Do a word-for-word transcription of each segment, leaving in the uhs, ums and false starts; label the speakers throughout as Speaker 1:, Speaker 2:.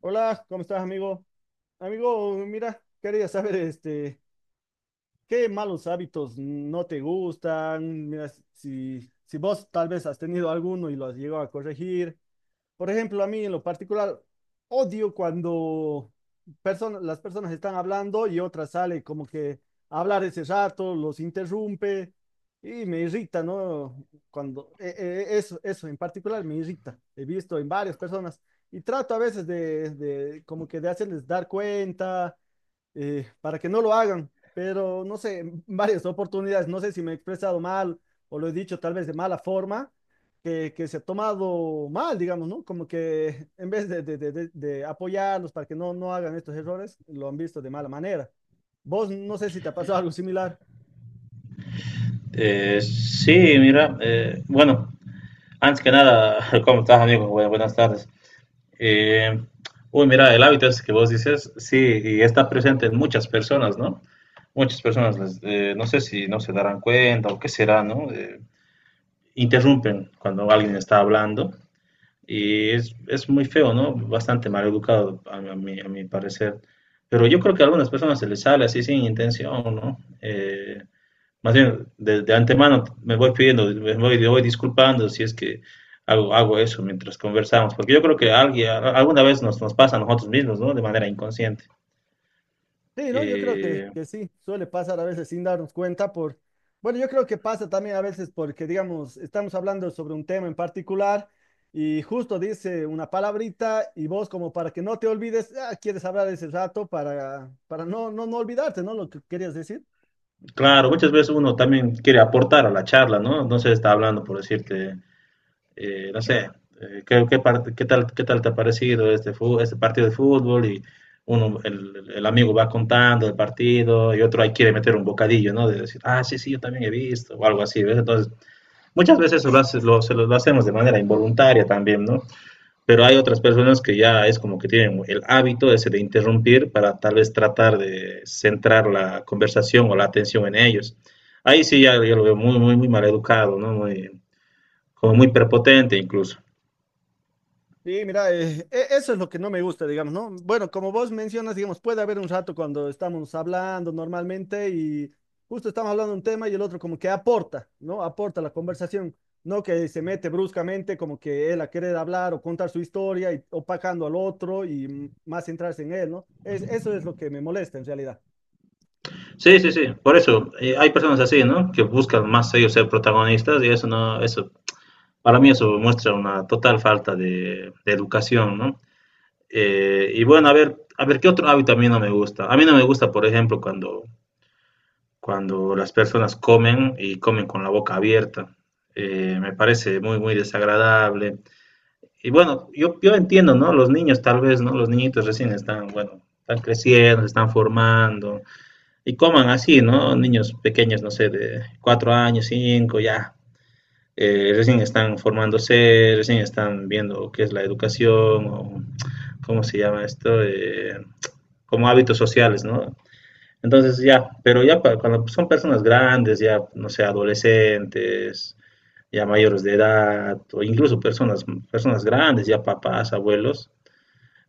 Speaker 1: Hola, ¿cómo estás, amigo? Amigo, mira, quería saber, este, qué malos hábitos no te gustan. Mira, si, si vos tal vez has tenido alguno y lo has llegado a corregir. Por ejemplo, a mí en lo particular, odio cuando persona- las personas están hablando y otra sale como que a hablar ese rato, los interrumpe y me irrita, ¿no? Cuando e- e- eso, eso en particular me irrita. He visto en varias personas y trato a veces de, de como que de hacerles dar cuenta eh, para que no lo hagan, pero no sé, en varias oportunidades, no sé si me he expresado mal o lo he dicho tal vez de mala forma, que, que se ha tomado mal, digamos, ¿no? Como que en vez de, de- de- de- de apoyarlos para que no, no hagan estos errores, lo han visto de mala manera. Vos no sé si te ha pasado algo similar.
Speaker 2: Eh, sí, mira, eh, bueno, antes que nada, ¿cómo estás, amigo? Bu- Buenas tardes. Eh, Uy, mira, el hábito ese que vos dices, sí, y está presente en muchas personas, ¿no? Muchas personas, les- eh, no sé si no se darán cuenta o qué será, ¿no? Eh, interrumpen cuando alguien está hablando y es, es muy feo, ¿no? Bastante mal educado, a, mi, a mi- a mi parecer. Pero yo creo que a algunas personas se les sale así sin intención, ¿no? Eh, más bien, de, de antemano me voy pidiendo, me voy, me voy disculpando si es que hago, hago eso mientras conversamos, porque yo creo que alguien, a- alguna vez nos, nos pasa a nosotros mismos, ¿no? De manera inconsciente.
Speaker 1: Sí, ¿no? Yo creo que,
Speaker 2: Eh,
Speaker 1: que sí, suele pasar a veces sin darnos cuenta por, bueno, yo creo que pasa también a veces porque, digamos, estamos hablando sobre un tema en particular y justo dice una palabrita y vos como para que no te olvides, ah, quieres hablar ese rato para, para no, no, no olvidarte, ¿no? Lo que querías decir.
Speaker 2: claro, muchas veces uno también quiere aportar a la charla, ¿no? No se está hablando por decirte, eh, no sé, eh, ¿qué, qué parte- qué tal, qué tal te ha parecido este, fu- este partido de fútbol? Y uno, el, el el amigo va contando el partido y otro ahí quiere meter un bocadillo, ¿no? De decir, ah, sí, sí, yo también he visto, o algo así, ¿ves? Entonces, muchas veces lo hace, lo, se lo lo hacemos de manera involuntaria también, ¿no? Pero hay otras personas que ya es como que tienen el hábito ese de interrumpir para tal vez tratar de centrar la conversación o la atención en ellos. Ahí sí ya, ya lo veo muy, muy, muy mal educado, ¿no? Muy, como muy prepotente incluso.
Speaker 1: Sí, mira, eh, e- eso es lo que no me gusta, digamos, ¿no? Bueno, como vos mencionas, digamos, puede haber un rato cuando estamos hablando normalmente y justo estamos hablando de un tema y el otro como que aporta, ¿no? Aporta la conversación, no que se mete bruscamente como que él a querer hablar o contar su historia y opacando al otro y mm, más centrarse en él, ¿no? Es, eso es lo que me molesta en realidad.
Speaker 2: Sí, sí, sí, por eso eh, hay personas así, ¿no? Que buscan más ellos ser protagonistas y eso no, eso, para mí eso muestra una total falta de, de educación, ¿no? Eh, y bueno, a ver, a ver qué otro hábito a mí no me gusta. A mí no me gusta, por ejemplo, cuando, cuando las personas comen y comen con la boca abierta. Eh, me parece muy, muy desagradable. Y bueno, yo, yo entiendo, ¿no? Los niños tal vez, ¿no? Los niñitos recién están, bueno, están creciendo, se están formando y coman así, ¿no? Niños pequeños, no sé, de cuatro años, cinco, ya. Eh, recién están formándose, recién están viendo qué es la educación o cómo se llama esto. Eh, como hábitos sociales, ¿no? Entonces ya, pero ya para, cuando son personas grandes, ya, no sé, adolescentes, ya mayores de edad, o incluso personas, personas grandes, ya papás, abuelos,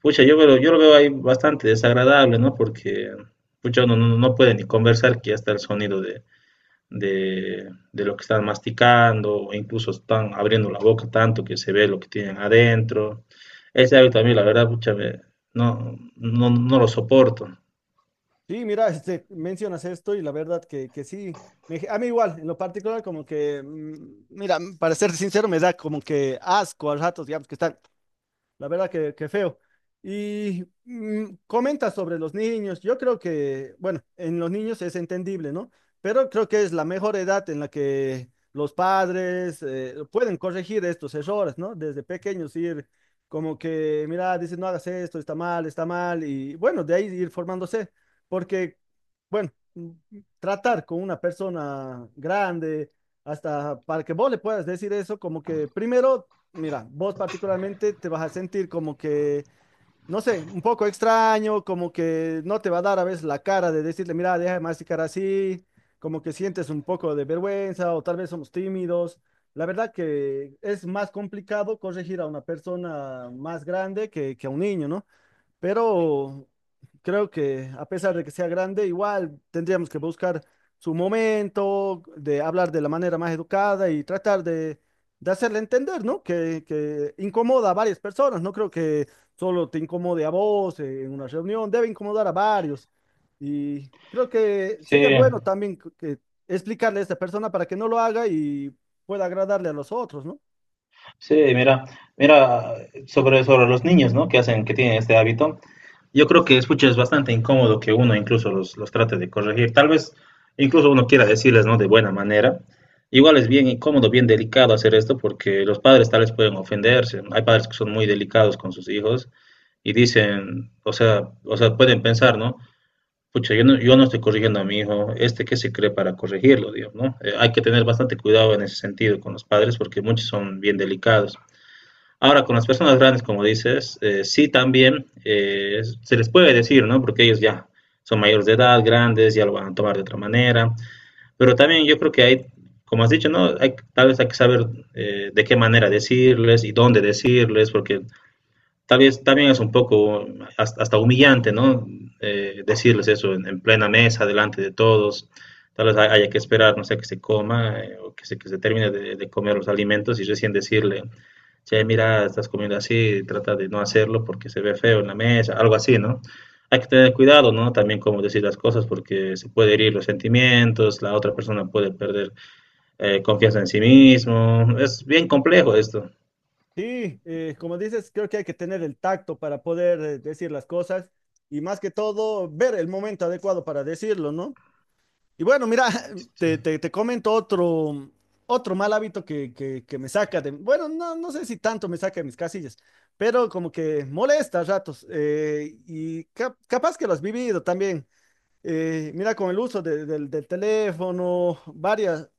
Speaker 2: pucha, yo, veo, yo lo veo ahí bastante desagradable, ¿no? Porque, pucha, uno no, no puede ni conversar que ya está el sonido de, de, de, lo que están masticando, o incluso están abriendo la boca tanto que se ve lo que tienen adentro. Ese hábito a mí, la verdad, pucha, me, no, no, no lo soporto.
Speaker 1: Sí, mira, este, mencionas esto y la verdad que, que sí, me- a mí igual, en lo particular como que, mm, mira, para ser sincero, me da como que asco a ratos, digamos, que están la verdad que, que feo. Y mm, comenta sobre los niños. Yo creo que, bueno, en los niños es entendible, ¿no? Pero creo que es la mejor edad en la que los padres eh, pueden corregir estos errores, ¿no? Desde pequeños ir como que, mira, dice, no hagas esto, está mal, está mal. Y bueno, de ahí ir formándose. Porque, bueno, mm, tratar con una persona grande, hasta para que vos le puedas decir eso, como que primero mira, vos particularmente te vas a sentir como que, no sé, un poco extraño, como que no te va a dar a veces la cara de decirle, mira, deja de masticar así, como que sientes un poco de vergüenza o tal vez somos tímidos. La verdad que es más complicado corregir a una persona más grande que, que a un niño, ¿no? Pero creo que a pesar de que sea grande, igual tendríamos que buscar su momento, de hablar de la manera más educada y tratar de, de hacerle entender, ¿no? Que, que incomoda a varias personas, no creo que solo te incomode a vos eh, en una reunión, debe incomodar a varios. Y creo que
Speaker 2: Sí,
Speaker 1: sería bueno también que que explicarle a esta persona para que no lo haga y pueda agradarle a los otros, ¿no?
Speaker 2: sí, mira, mira, sobre, sobre los niños, ¿no? Que hacen, que tienen este hábito. Yo creo que, escucha, es bastante incómodo que uno incluso los, los trate de corregir. Tal vez incluso uno quiera decirles, ¿no? De buena manera. Igual es bien incómodo, bien delicado hacer esto porque los padres tal vez pueden ofenderse. Hay padres que son muy delicados con sus hijos y dicen, o sea, o sea, pueden pensar, ¿no? Pucha, yo no, yo no estoy corrigiendo a mi hijo, este que se cree para corregirlo, digo, ¿no? Eh, hay que tener bastante cuidado en ese sentido con los padres porque muchos son bien delicados. Ahora, con las personas grandes, como dices, eh, sí también eh, se les puede decir, ¿no? Porque ellos ya son mayores de edad, grandes, ya lo van a tomar de otra manera. Pero también yo creo que hay, como has dicho, ¿no? Hay, tal vez hay que saber eh, de qué manera decirles y dónde decirles, porque tal vez también es un poco hasta, hasta humillante, ¿no? Eh, decirles eso en, en, plena mesa, delante de todos. Tal vez hay- haya que esperar, no sé, que se coma eh, o que se, que se termine de, de, comer los alimentos y recién decirle, che, mira, estás comiendo así, trata de no hacerlo porque se ve feo en la mesa, algo así, ¿no? Hay que tener cuidado, ¿no? También cómo decir las cosas porque se puede herir los sentimientos, la otra persona puede perder eh, confianza en sí mismo. Es bien complejo esto.
Speaker 1: Sí, eh, como dices, creo que hay que tener el tacto para poder eh, decir las cosas y más que todo ver el momento adecuado para decirlo, ¿no? Y bueno, mira,
Speaker 2: Sí.
Speaker 1: te, te, te comento otro, otro mal hábito que, que, que me saca de, bueno, no, no sé si tanto me saca de mis casillas, pero como que molesta a ratos eh, y cap- capaz que lo has vivido también. Eh, mira, con el uso de- del del teléfono, varias,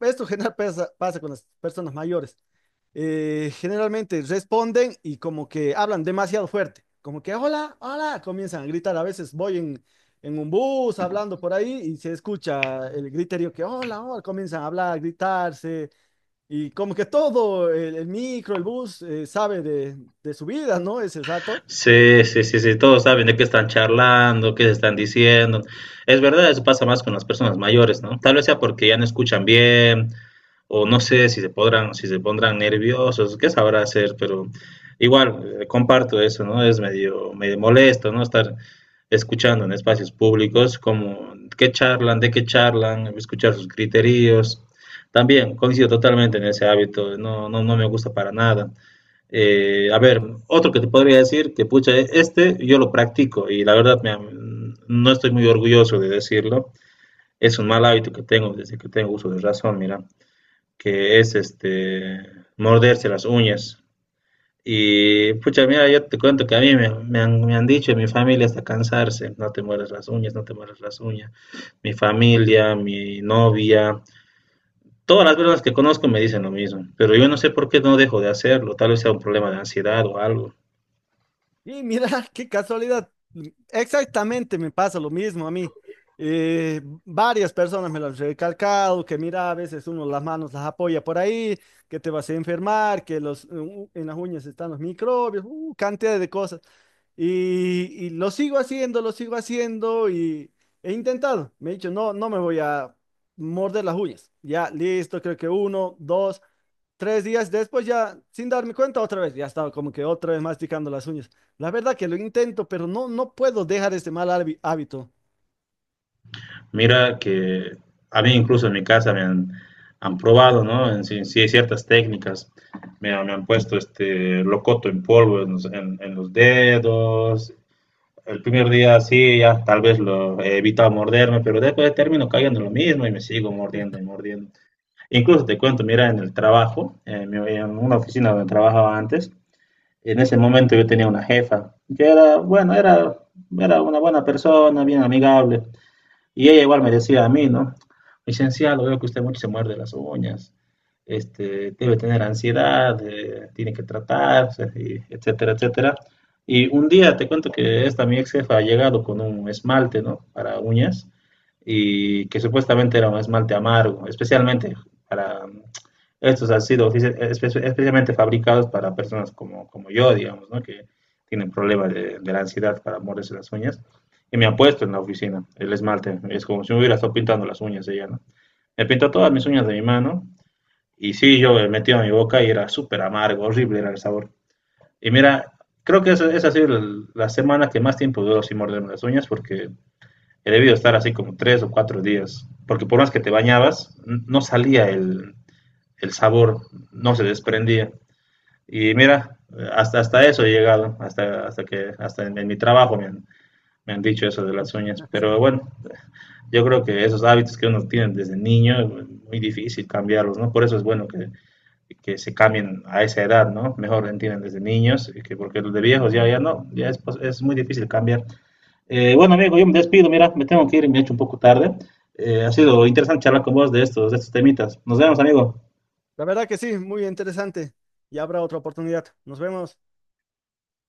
Speaker 1: esto general pasa, pasa con las personas mayores. eh, generalmente responden y como que hablan demasiado fuerte, como que hola, hola, comienzan a gritar. A veces voy en, en un bus hablando por ahí y se escucha el griterío que hola, hola, comienzan a hablar, a gritarse y como que todo el, el micro, el bus eh, sabe de, de su vida, ¿no? Ese rato.
Speaker 2: Sí, sí, sí, sí, todos saben de qué están charlando, qué se están diciendo. Es verdad, eso pasa más con las personas mayores, ¿no? Tal vez sea porque ya no escuchan bien, o no sé si se podrán, si se pondrán nerviosos, qué sabrá hacer, pero igual, eh, comparto eso, ¿no? Es medio, medio molesto, ¿no? Estar escuchando en espacios públicos, como qué charlan, de qué charlan, escuchar sus criterios. También coincido totalmente en ese hábito, no, no, no me gusta para nada. Eh, a ver, otro que te podría decir que, pucha, este yo lo practico y la verdad me, no estoy muy orgulloso de decirlo. Es un mal hábito que tengo desde que tengo uso de razón, mira, que es este morderse las uñas. Y pucha, mira, yo te cuento que a mí me, me han, me han dicho en mi familia hasta cansarse, no te mueras las uñas, no te mueras las uñas. Mi familia, mi novia, todas las personas que conozco me dicen lo mismo, pero yo no sé por qué no dejo de hacerlo, tal vez sea un problema de ansiedad o algo.
Speaker 1: Y mira, qué casualidad. Exactamente me pasa lo mismo a mí. Eh, varias personas me lo han recalcado, que mira, a veces uno las manos las apoya por ahí, que te vas a enfermar, que los, u- en las uñas están los microbios, uh, cantidad de cosas. Y, y lo sigo haciendo, lo sigo haciendo y he intentado. Me he dicho, no, no me voy a morder las uñas. Ya, listo, creo que uno, dos. Tres días después ya, sin darme cuenta, otra vez, ya estaba como que otra vez masticando las uñas. La verdad que lo intento, pero no, no puedo dejar este mal hábi- hábito.
Speaker 2: Mira que a mí incluso en mi casa me han, han probado, ¿no? En, sí, sí hay ciertas técnicas. Me, han- me han puesto este locoto en polvo en los, en- en los dedos. El primer día sí, ya tal vez lo he evitado morderme, pero después termino cayendo en lo mismo y me sigo mordiendo y mordiendo. Incluso te cuento, mira, en el trabajo, en, mi- en una oficina donde trabajaba antes, en ese momento yo tenía una jefa que era, bueno, era, era una buena persona, bien amigable. Y ella igual me decía a mí, ¿no? Licenciado, veo que usted mucho se muerde las uñas, este, debe tener ansiedad, eh, tiene que tratarse, y etcétera, etcétera. Y un día te cuento que esta mi ex jefa ha llegado con un esmalte, ¿no? Para uñas, y que supuestamente era un esmalte amargo, especialmente para, estos han sido especialmente fabricados para personas como, como yo, digamos, ¿no? que tienen problemas de, de la ansiedad para morderse las uñas. Y me ha puesto en la oficina el esmalte. Es como si me hubiera estado pintando las uñas ella, ¿no? Me pintó todas mis uñas de mi mano. Y sí, yo me metía en mi boca y era súper amargo, horrible era el sabor. Y mira, creo que esa, esa ha sido la, semana que más tiempo duró sin morderme las uñas porque he debido estar así como tres o cuatro días. Porque por más que te bañabas, no salía el, el sabor, no se desprendía. Y mira, hasta, hasta eso he llegado, hasta, hasta que hasta en, en mi trabajo me han, me han dicho eso de las uñas. Pero bueno, yo creo que esos hábitos que uno tiene desde niño es muy difícil cambiarlos, ¿no? Por eso es bueno que, que se cambien a esa edad, ¿no? Mejor entienden desde niños, y que porque los de viejos ya, ya no, ya es, pues, es muy difícil cambiar. Eh, bueno, amigo, yo me despido, mira, me tengo que ir, me he hecho un poco tarde. Eh, ha sido interesante charlar con vos de estos, de estos temitas. Nos vemos, amigo.
Speaker 1: La verdad que sí, muy interesante. Y habrá otra oportunidad. Nos vemos.